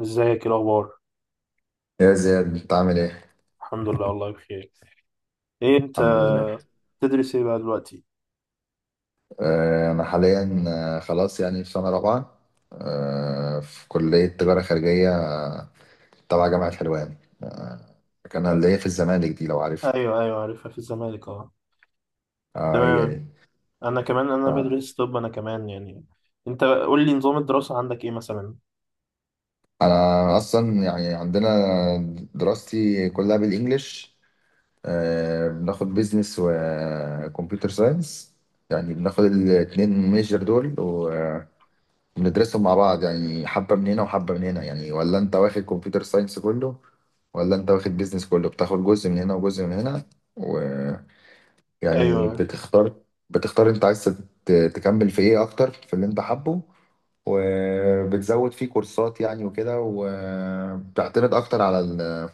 ازيك؟ ايه الاخبار؟ يا زياد انت عامل ايه؟ الحمد لله، والله بخير. ايه انت؟ الحمد لله. تدرس ايه بقى دلوقتي؟ انا حاليا خلاص يعني في سنة رابعة، في كلية تجارة خارجية تبع جامعة حلوان. كان اللي هي في الزمالك دي لو عارفها. ايوه، ايوه، عارفها في الزمالك، اه. اه، هي تمام. دي. انا كمان انا بدرس طب، انا كمان يعني. انت قول لي، نظام الدراسه عندك ايه مثلا؟ انا اصلا يعني عندنا دراستي كلها بالانجلش. بناخد بيزنس وكمبيوتر ساينس، يعني بناخد الاتنين ميجر دول. بندرسهم مع بعض، يعني حبة من هنا وحبة من هنا. يعني ولا انت واخد كمبيوتر ساينس كله ولا انت واخد بيزنس كله، بتاخد جزء من هنا وجزء من هنا. ويعني ايوه. بتختار بتختار، انت عايز تكمل في ايه اكتر، في اللي انت حابه، وبتزود فيه كورسات يعني وكده. وبتعتمد اكتر على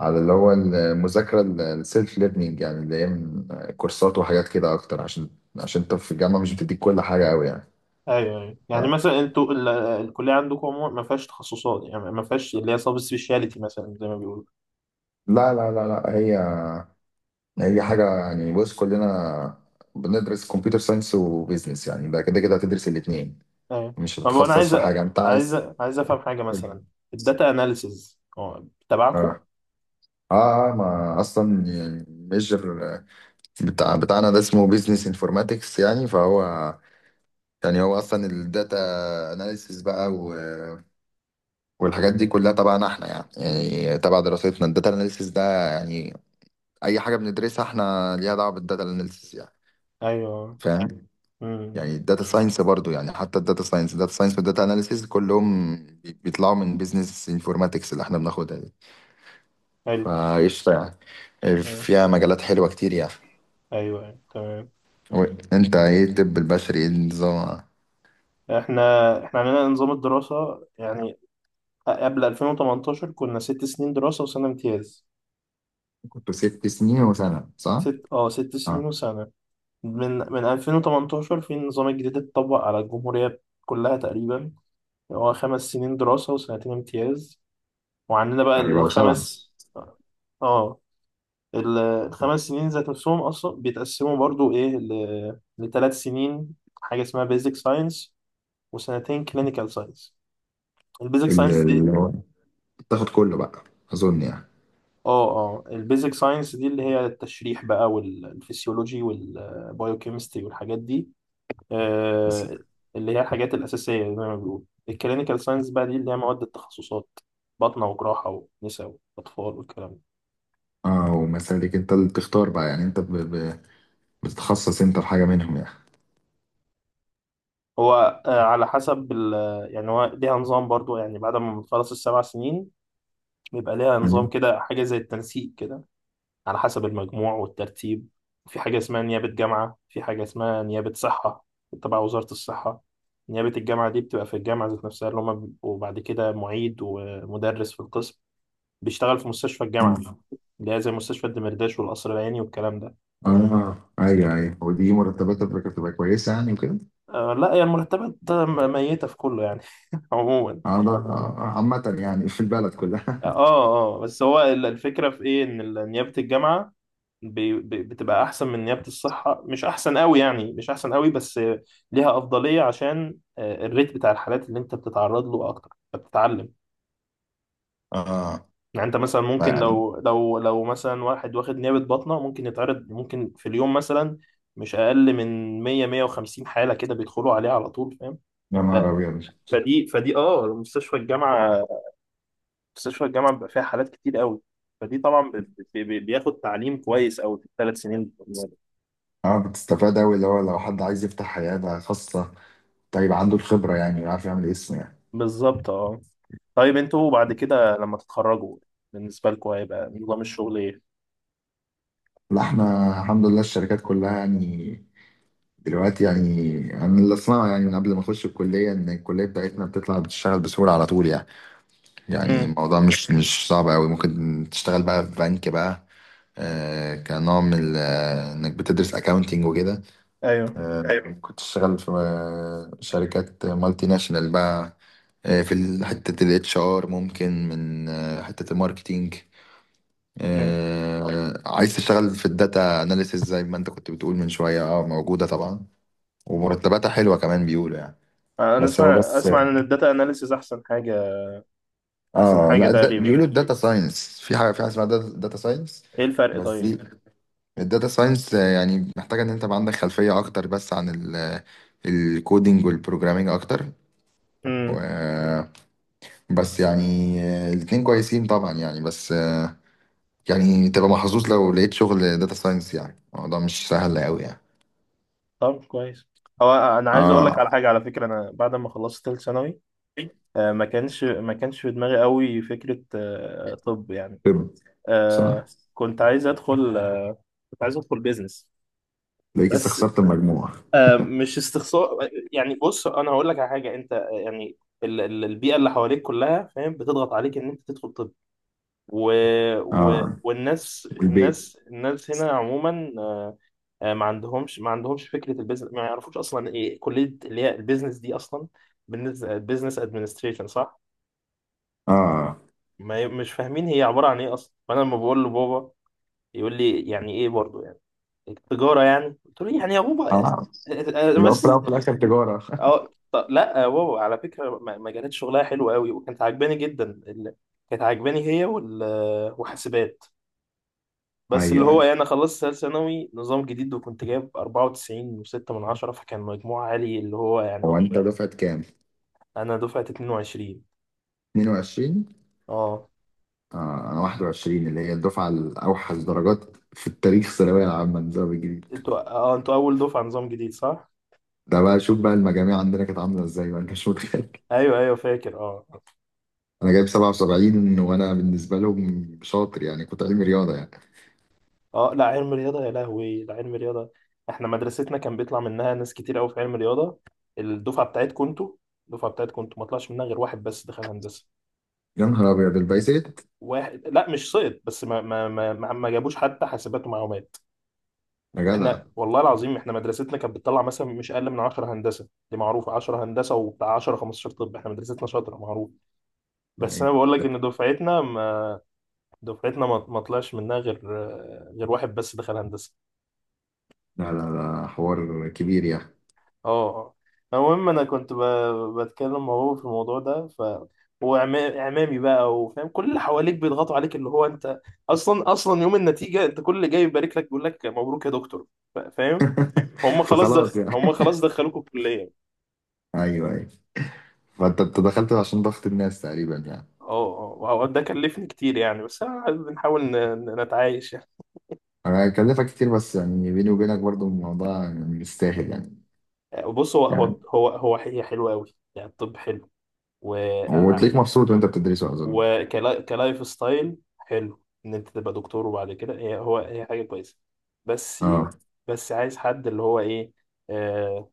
على اللي هو المذاكرة، السيلف ليرنينج، يعني اللي هي من كورسات وحاجات كده اكتر، عشان انت في الجامعة مش بتديك كل حاجة قوي يعني. ايوه، ايوه، يعني ف- مثلا انتوا الكليه عندكم عموما ما فيهاش تخصصات، يعني ما فيهاش اللي هي سبيشاليتي مثلا زي ما بيقولوا. لا لا لا لا، هي حاجة يعني. بص، كلنا بندرس كمبيوتر ساينس وبيزنس، يعني ده كده كده هتدرس الاتنين، ايوه. مش طب انا هتتخصص في حاجة انت عايز. عايز افهم حاجه مثلا، الداتا اناليسز تبعكم. اه، اه، ما اصلا يعني ميجر بتاعنا ده اسمه بيزنس انفورماتكس. يعني فهو، يعني هو اصلا الداتا اناليسيس بقى، والحاجات دي كلها تبعنا احنا. يعني تبع دراستنا الداتا اناليسيس ده. يعني اي حاجة بندرسها احنا ليها دعوة بالداتا اناليسيس يعني، ايوه. فاهم؟ امم. يعني الداتا ساينس برضو، يعني حتى الداتا ساينس، والداتا اناليسيز كلهم بيطلعوا من بيزنس انفورماتكس اللي احنا بناخدها دي. حلو. فقشطة، يعني آه. فيها مجالات حلوة كتير يعني. ايوه، أيوة، تمام. و- انت ايه، الطب البشري ايه النظام؟ احنا احنا عندنا نظام الدراسه يعني، قبل 2018 كنا ست سنين دراسه وسنه امتياز. كنت 6 سنين وسنة، صح؟ ست سنين اه، وسنه. من 2018 في النظام الجديد اتطبق على الجمهوريه كلها تقريبا، هو خمس سنين دراسه وسنتين امتياز. وعندنا بقى يعني بقى 7. الخمس. اه. الخمس سنين ذات نفسهم اصلا بيتقسموا برضو ايه لثلاث سنين. حاجه اسمها بيزك ساينس، وسنتين كلينيكال ساينس. البيزك ساينس. اللي هو تاخد كله بقى، اظن يعني. اه، اه، البيزك ساينس دي اللي هي التشريح بقى والفسيولوجي والبايوكيمستري والحاجات دي. بس. آه. اللي هي الحاجات الأساسية زي ما بيقولوا. الكلينيكال ساينس بقى دي اللي هي مواد التخصصات، باطنة وجراحة ونساء وأطفال والكلام ده. اه، ومسالك. انت اللي بتختار بقى يعني، انت بتتخصص انت في حاجة منهم يعني؟ هو على حسب ال، يعني هو ليها نظام برضو يعني، بعد ما بتخلص السبع سنين بيبقى ليها نظام أيوة. كده، حاجة زي التنسيق كده، على حسب المجموع والترتيب. في حاجة اسمها نيابة جامعة، في حاجة اسمها نيابة صحة تبع وزارة الصحة. نيابة الجامعة دي بتبقى في الجامعة ذات نفسها، اللي هما بيبقوا بعد كده معيد ومدرس في القسم، بيشتغل في مستشفى الجامعة، اللي هي زي مستشفى الدمرداش والقصر العيني والكلام ده. اه، ايوه، ايوه، ودي مرتبات بتبقى بتبقى كويسه يعني وكده. آه لا، يعني المرتبات ميتة في كله يعني. عموما. اه، ده عامة يعني في البلد كلها. اه، اه، بس هو الفكرة في ايه، ان نيابة الجامعة بتبقى احسن من نيابة الصحة، مش احسن قوي يعني، مش احسن قوي، بس ليها افضلية، عشان الريت بتاع الحالات اللي انت بتتعرض له اكتر فبتتعلم. اه. يعني انت مثلا ممكن، فيعني لو مثلا واحد واخد نيابة بطنة ممكن يتعرض، ممكن في اليوم مثلا مش اقل من 100 150 حالة كده بيدخلوا عليها على طول، فاهم. يا ف- نهار ابيض. فدي فدي اه مستشفى الجامعة، مستشفى الجامعة بيبقى فيها حالات كتير قوي. فدي طبعا بياخد تعليم كويس قوي في الثلاث سنين بتوع النيابة. اه، بتستفاد اوي، اللي هو لو حد عايز يفتح حياة خاصة، طيب عنده الخبرة يعني، ويعرف يعمل اسم يعني. بالظبط، اه. طيب انتوا بعد كده لما تتخرجوا، بالنسبة لكم هيبقى نظام الشغل ايه؟ لا، احنا الحمد لله الشركات كلها يعني دلوقتي. يعني انا اللي اسمعه يعني من قبل ما اخش الكلية، ان الكلية بتاعتنا بتطلع بتشتغل بسهولة على طول يعني. يعني امم. الموضوع مش صعب قوي، ممكن تشتغل بقى في بنك بقى، كنوع من انك بتدرس اكاونتنج وكده. ايوه. ايوه، كنت تشتغل في شركات مالتي ناشونال بقى. في حتة الاتش ار، ممكن من حتة الماركتينج. امم. عايز تشتغل في الداتا اناليسيس زي ما انت كنت بتقول من شوية، اه، موجودة طبعا، ومرتباتها حلوة كمان بيقولوا يعني. انا بس هو، اسمع بس اسمع ان الداتا اناليسيز احسن حاجة، احسن اه. حاجة لا، ده تقريبا. بيقولوا الداتا ساينس، في حاجه، اسمها داتا ساينس. ايه الفرق بس طيب؟ دي الداتا ساينس، يعني محتاجه ان انت يبقى عندك خلفيه اكتر، بس عن الكودينج والبروجرامينج اكتر. امم. و- بس يعني الاتنين كويسين طبعا يعني، بس يعني تبقى محظوظ لو لقيت شغل داتا ساينس، يعني الموضوع مش سهل قوي يعني. طب كويس. هو انا عايز اقول لك اه، على حاجة، على فكرة، انا بعد ما خلصت ثالث ثانوي، ما كانش في دماغي قوي فكرة، طب يعني، طب. صح، آه، كنت عايز ادخل آه، كنت عايز ادخل بيزنس، لقيت بس استخسرت المجموع. مش استخسار. يعني بص انا هقول لك على حاجه، انت يعني البيئه اللي حواليك كلها فاهم بتضغط عليك ان انت تدخل طب. و... و... اه، والناس البيت. الناس الناس هنا عموما ما عندهمش فكره البيزنس، ما يعرفوش اصلا ايه كليه اللي هي البيزنس دي اصلا، بالنسبه بيزنس ادمنستريشن، صح؟ اه. ما ي- مش فاهمين هي عباره عن ايه اصلا، فانا لما بقول لبابا يقول لي يعني ايه برضو يعني، تجاره يعني، قلت له يعني يا بابا. اه، لو في بس. الأول وفي الاخر تجاره. اه، طب لا، واو، على فكره، مجالات شغلها حلوه قوي، وكانت عجباني جدا ال-، كانت عجباني هي وحاسبات. بس اللي هو ايوه. إيه، انا خلصت ثالث ثانوي نظام جديد وكنت جايب 94 و6 من 10، فكان مجموع عالي اللي هو هو يعني، انت دفعة كام؟ انا دفعه 22. 22. اه. انا 21، اللي هي الدفعة الاوحش درجات في التاريخ، الثانوية العامة النظام الجديد. انتوا اول دفعه نظام جديد، صح؟ ده بقى، شوف بقى المجاميع عندنا كانت عاملة ازاي بقى، انت مش متخيل. ايوه، ايوه، فاكر، اه. انا جايب 77 وانا بالنسبة لهم شاطر يعني، كنت علمي رياضة يعني. اه، لا علم رياضة، يا لهوي، لا علم رياضة، احنا مدرستنا كان بيطلع منها ناس كتير قوي في علم رياضة. الدفعة بتاعتكم انتوا الدفعة بتاعتكم انتوا ما طلعش منها غير واحد بس دخل هندسة، يا نهار ابيض البايسات، واحد، لا مش سقط بس ما جابوش حتى حاسبات ومعلومات. يا جدع. واحنا والله العظيم، احنا مدرستنا كانت بتطلع مثلا مش اقل من 10 هندسة، دي معروفة، 10 هندسة وبتاع، 10 15، طب احنا مدرستنا شاطرة معروف. بس انا يعني بقول لك ان دفعتنا ما طلعش منها غير، غير واحد بس دخل هندسة، لا، لا، لا، حوار كبير يعني. اه. اه. المهم انا كنت بتكلم مع بابا في الموضوع ده، ف، هو اعمامي بقى وفاهم كل اللي حواليك بيضغطوا عليك اللي هو انت، اصلا اصلا يوم النتيجه انت كل اللي جاي يبارك لك بيقول لك مبروك يا دكتور، فاهم. فخلاص يعني. هم خلاص دخلوكوا الكليه. ايوه، ايوه، فانت دخلت عشان ضغط الناس تقريبا يعني. اه، اه، وهو ده كلفني كتير يعني، بس أنا بنحاول ن- ن- نتعايش يعني. انا هكلفك كتير، بس يعني بيني وبينك برضو الموضوع يعني مستاهل يعني. بص هو هو يعني هو هو هي حلوه قوي يعني، الطب حلو، وتلاقيك مبسوط وانت بتدرسه، اظن. وكلايف ستايل حلو ان انت تبقى دكتور، وبعد كده هي حاجه كويسه. بس، اه، بس عايز حد، اللي هو ايه، آه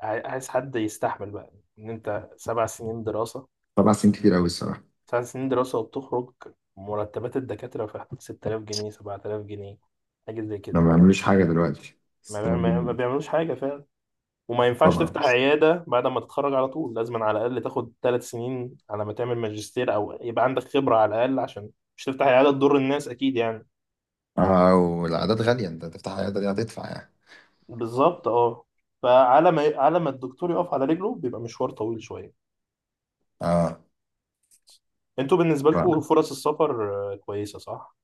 عايز حد يستحمل بقى، ان انت سبع سنين دراسه، طبعا سنين كتير قوي الصراحه. سبع سنين دراسه وبتخرج، مرتبات الدكاتره في حدود 6000 جنيه، 7000 جنيه، حاجه زي ما كده. بعملوش حاجه دلوقتي، بس ما, بيع- كانوا ما, ما بيعملوش حاجه فعلا، وما ينفعش طبعا. تفتح عياده بعد ما تتخرج على طول، لازم على الاقل تاخد ثلاث سنين على ما تعمل ماجستير او يبقى عندك خبره على الاقل، عشان مش تفتح عيادة تضر الناس أكيد يعني. اه، والعادات غاليه، انت تفتح عياده دي هتدفع يعني. بالظبط، اه. فعلى ما الدكتور يقف على رجله بيبقى مشوار طويل شوية. اه، انتوا بالنسبة لكم طبعا. فرص السفر كويسة، صح؟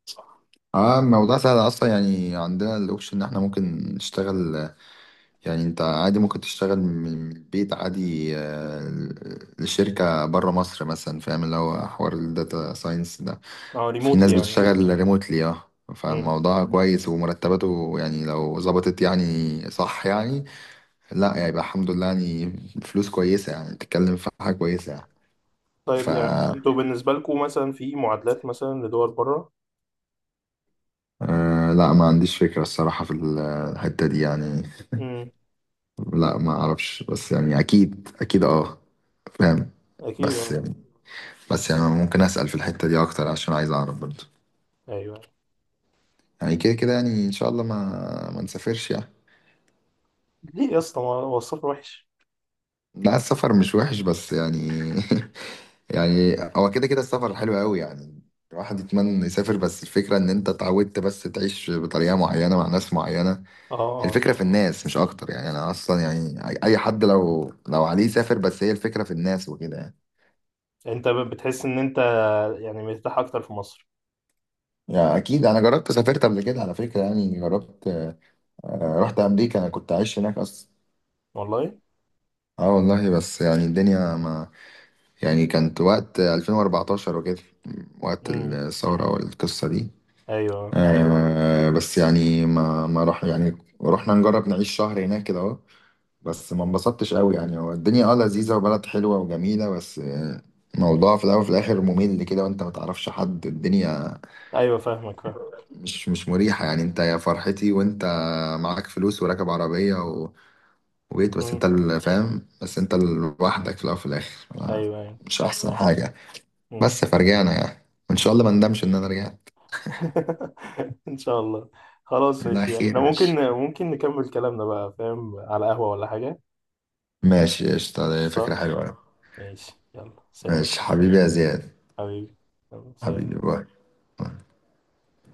اه، الموضوع سهل اصلا يعني، عندنا الاوبشن ان احنا ممكن نشتغل. يعني انت عادي ممكن تشتغل من البيت عادي، لشركة بره مصر مثلا، فاهم، اللي هو حوار الداتا ساينس ده. اه، في ريموتلي ناس يعني. بتشتغل ريموتلي، اه. امم. فالموضوع كويس ومرتباته يعني لو ظبطت يعني، صح يعني. لا، يعني يبقى الحمد لله يعني، فلوس كويسة يعني، تتكلم في حاجة كويسة يعني. ف، طيب يعني انتوا بالنسبة لكم، مثلا في معادلات مثلا لدول بره؟ لا، ما عنديش فكرة الصراحة في الحتة دي يعني. امم. لا، ما اعرفش، بس يعني اكيد، اكيد، اه، فاهم. اكيد، بس اه. بس يعني ممكن اسال في الحته دي اكتر، عشان عايز اعرف برضه. ايوه. يعني كده كده، يعني ان شاء الله ما نسافرش يعني. ليه يا اسطى؟ ما هو السفر وحش؟ لا، السفر مش وحش، بس يعني. يعني هو كده كده السفر حلو قوي يعني، الواحد يتمنى انه يسافر، بس الفكره ان انت اتعودت بس تعيش بطريقه معينه مع ناس معينه. اه. اه. الفكره في الناس مش اكتر يعني. انا اصلا يعني اي حد لو عليه يسافر، بس هي الفكره في الناس وكده يعني. انت بتحس ان انت يعني مرتاح اكتر في مصر. يعني اكيد انا جربت، سافرت قبل كده على فكره، يعني جربت. رحت امريكا، انا كنت عايش هناك اصلا. والله؟ اه والله. بس يعني الدنيا ما، يعني كانت وقت 2014 وكده، وقت امم. الثورة والقصة دي. ايوه، بس يعني ما راح، يعني رحنا نجرب نعيش شهر هناك كده اهو. بس ما انبسطتش قوي يعني، هو الدنيا اه لذيذة وبلد حلوة وجميلة، بس الموضوع في الاول وفي الاخر ممل كده، وانت ما تعرفش حد. الدنيا ايوه، فاهمك، فاهم. مش مريحة يعني. انت يا فرحتي وانت معاك فلوس وراكب عربية ويت، بس امم. انت اللي فاهم، بس انت لوحدك في الاول وفي الاخر ايوه، ايوه. مش احسن حاجه. مم. بس فرجعنا يعني، وان شاء الله ما ندمش ان انا رجعت. ان شاء الله. خلاص، لا، ماشي، خير احنا يا ممكن باشا. ممكن نكمل كلامنا بقى فاهم، على قهوة ولا حاجة؟ ماشي قشطة، ده فكره قشطة. حلوه أوي. ماشي، يلا سلام. ماشي حبيبي يا زياد. حبيبي. يلا سلام. حبيبي باي.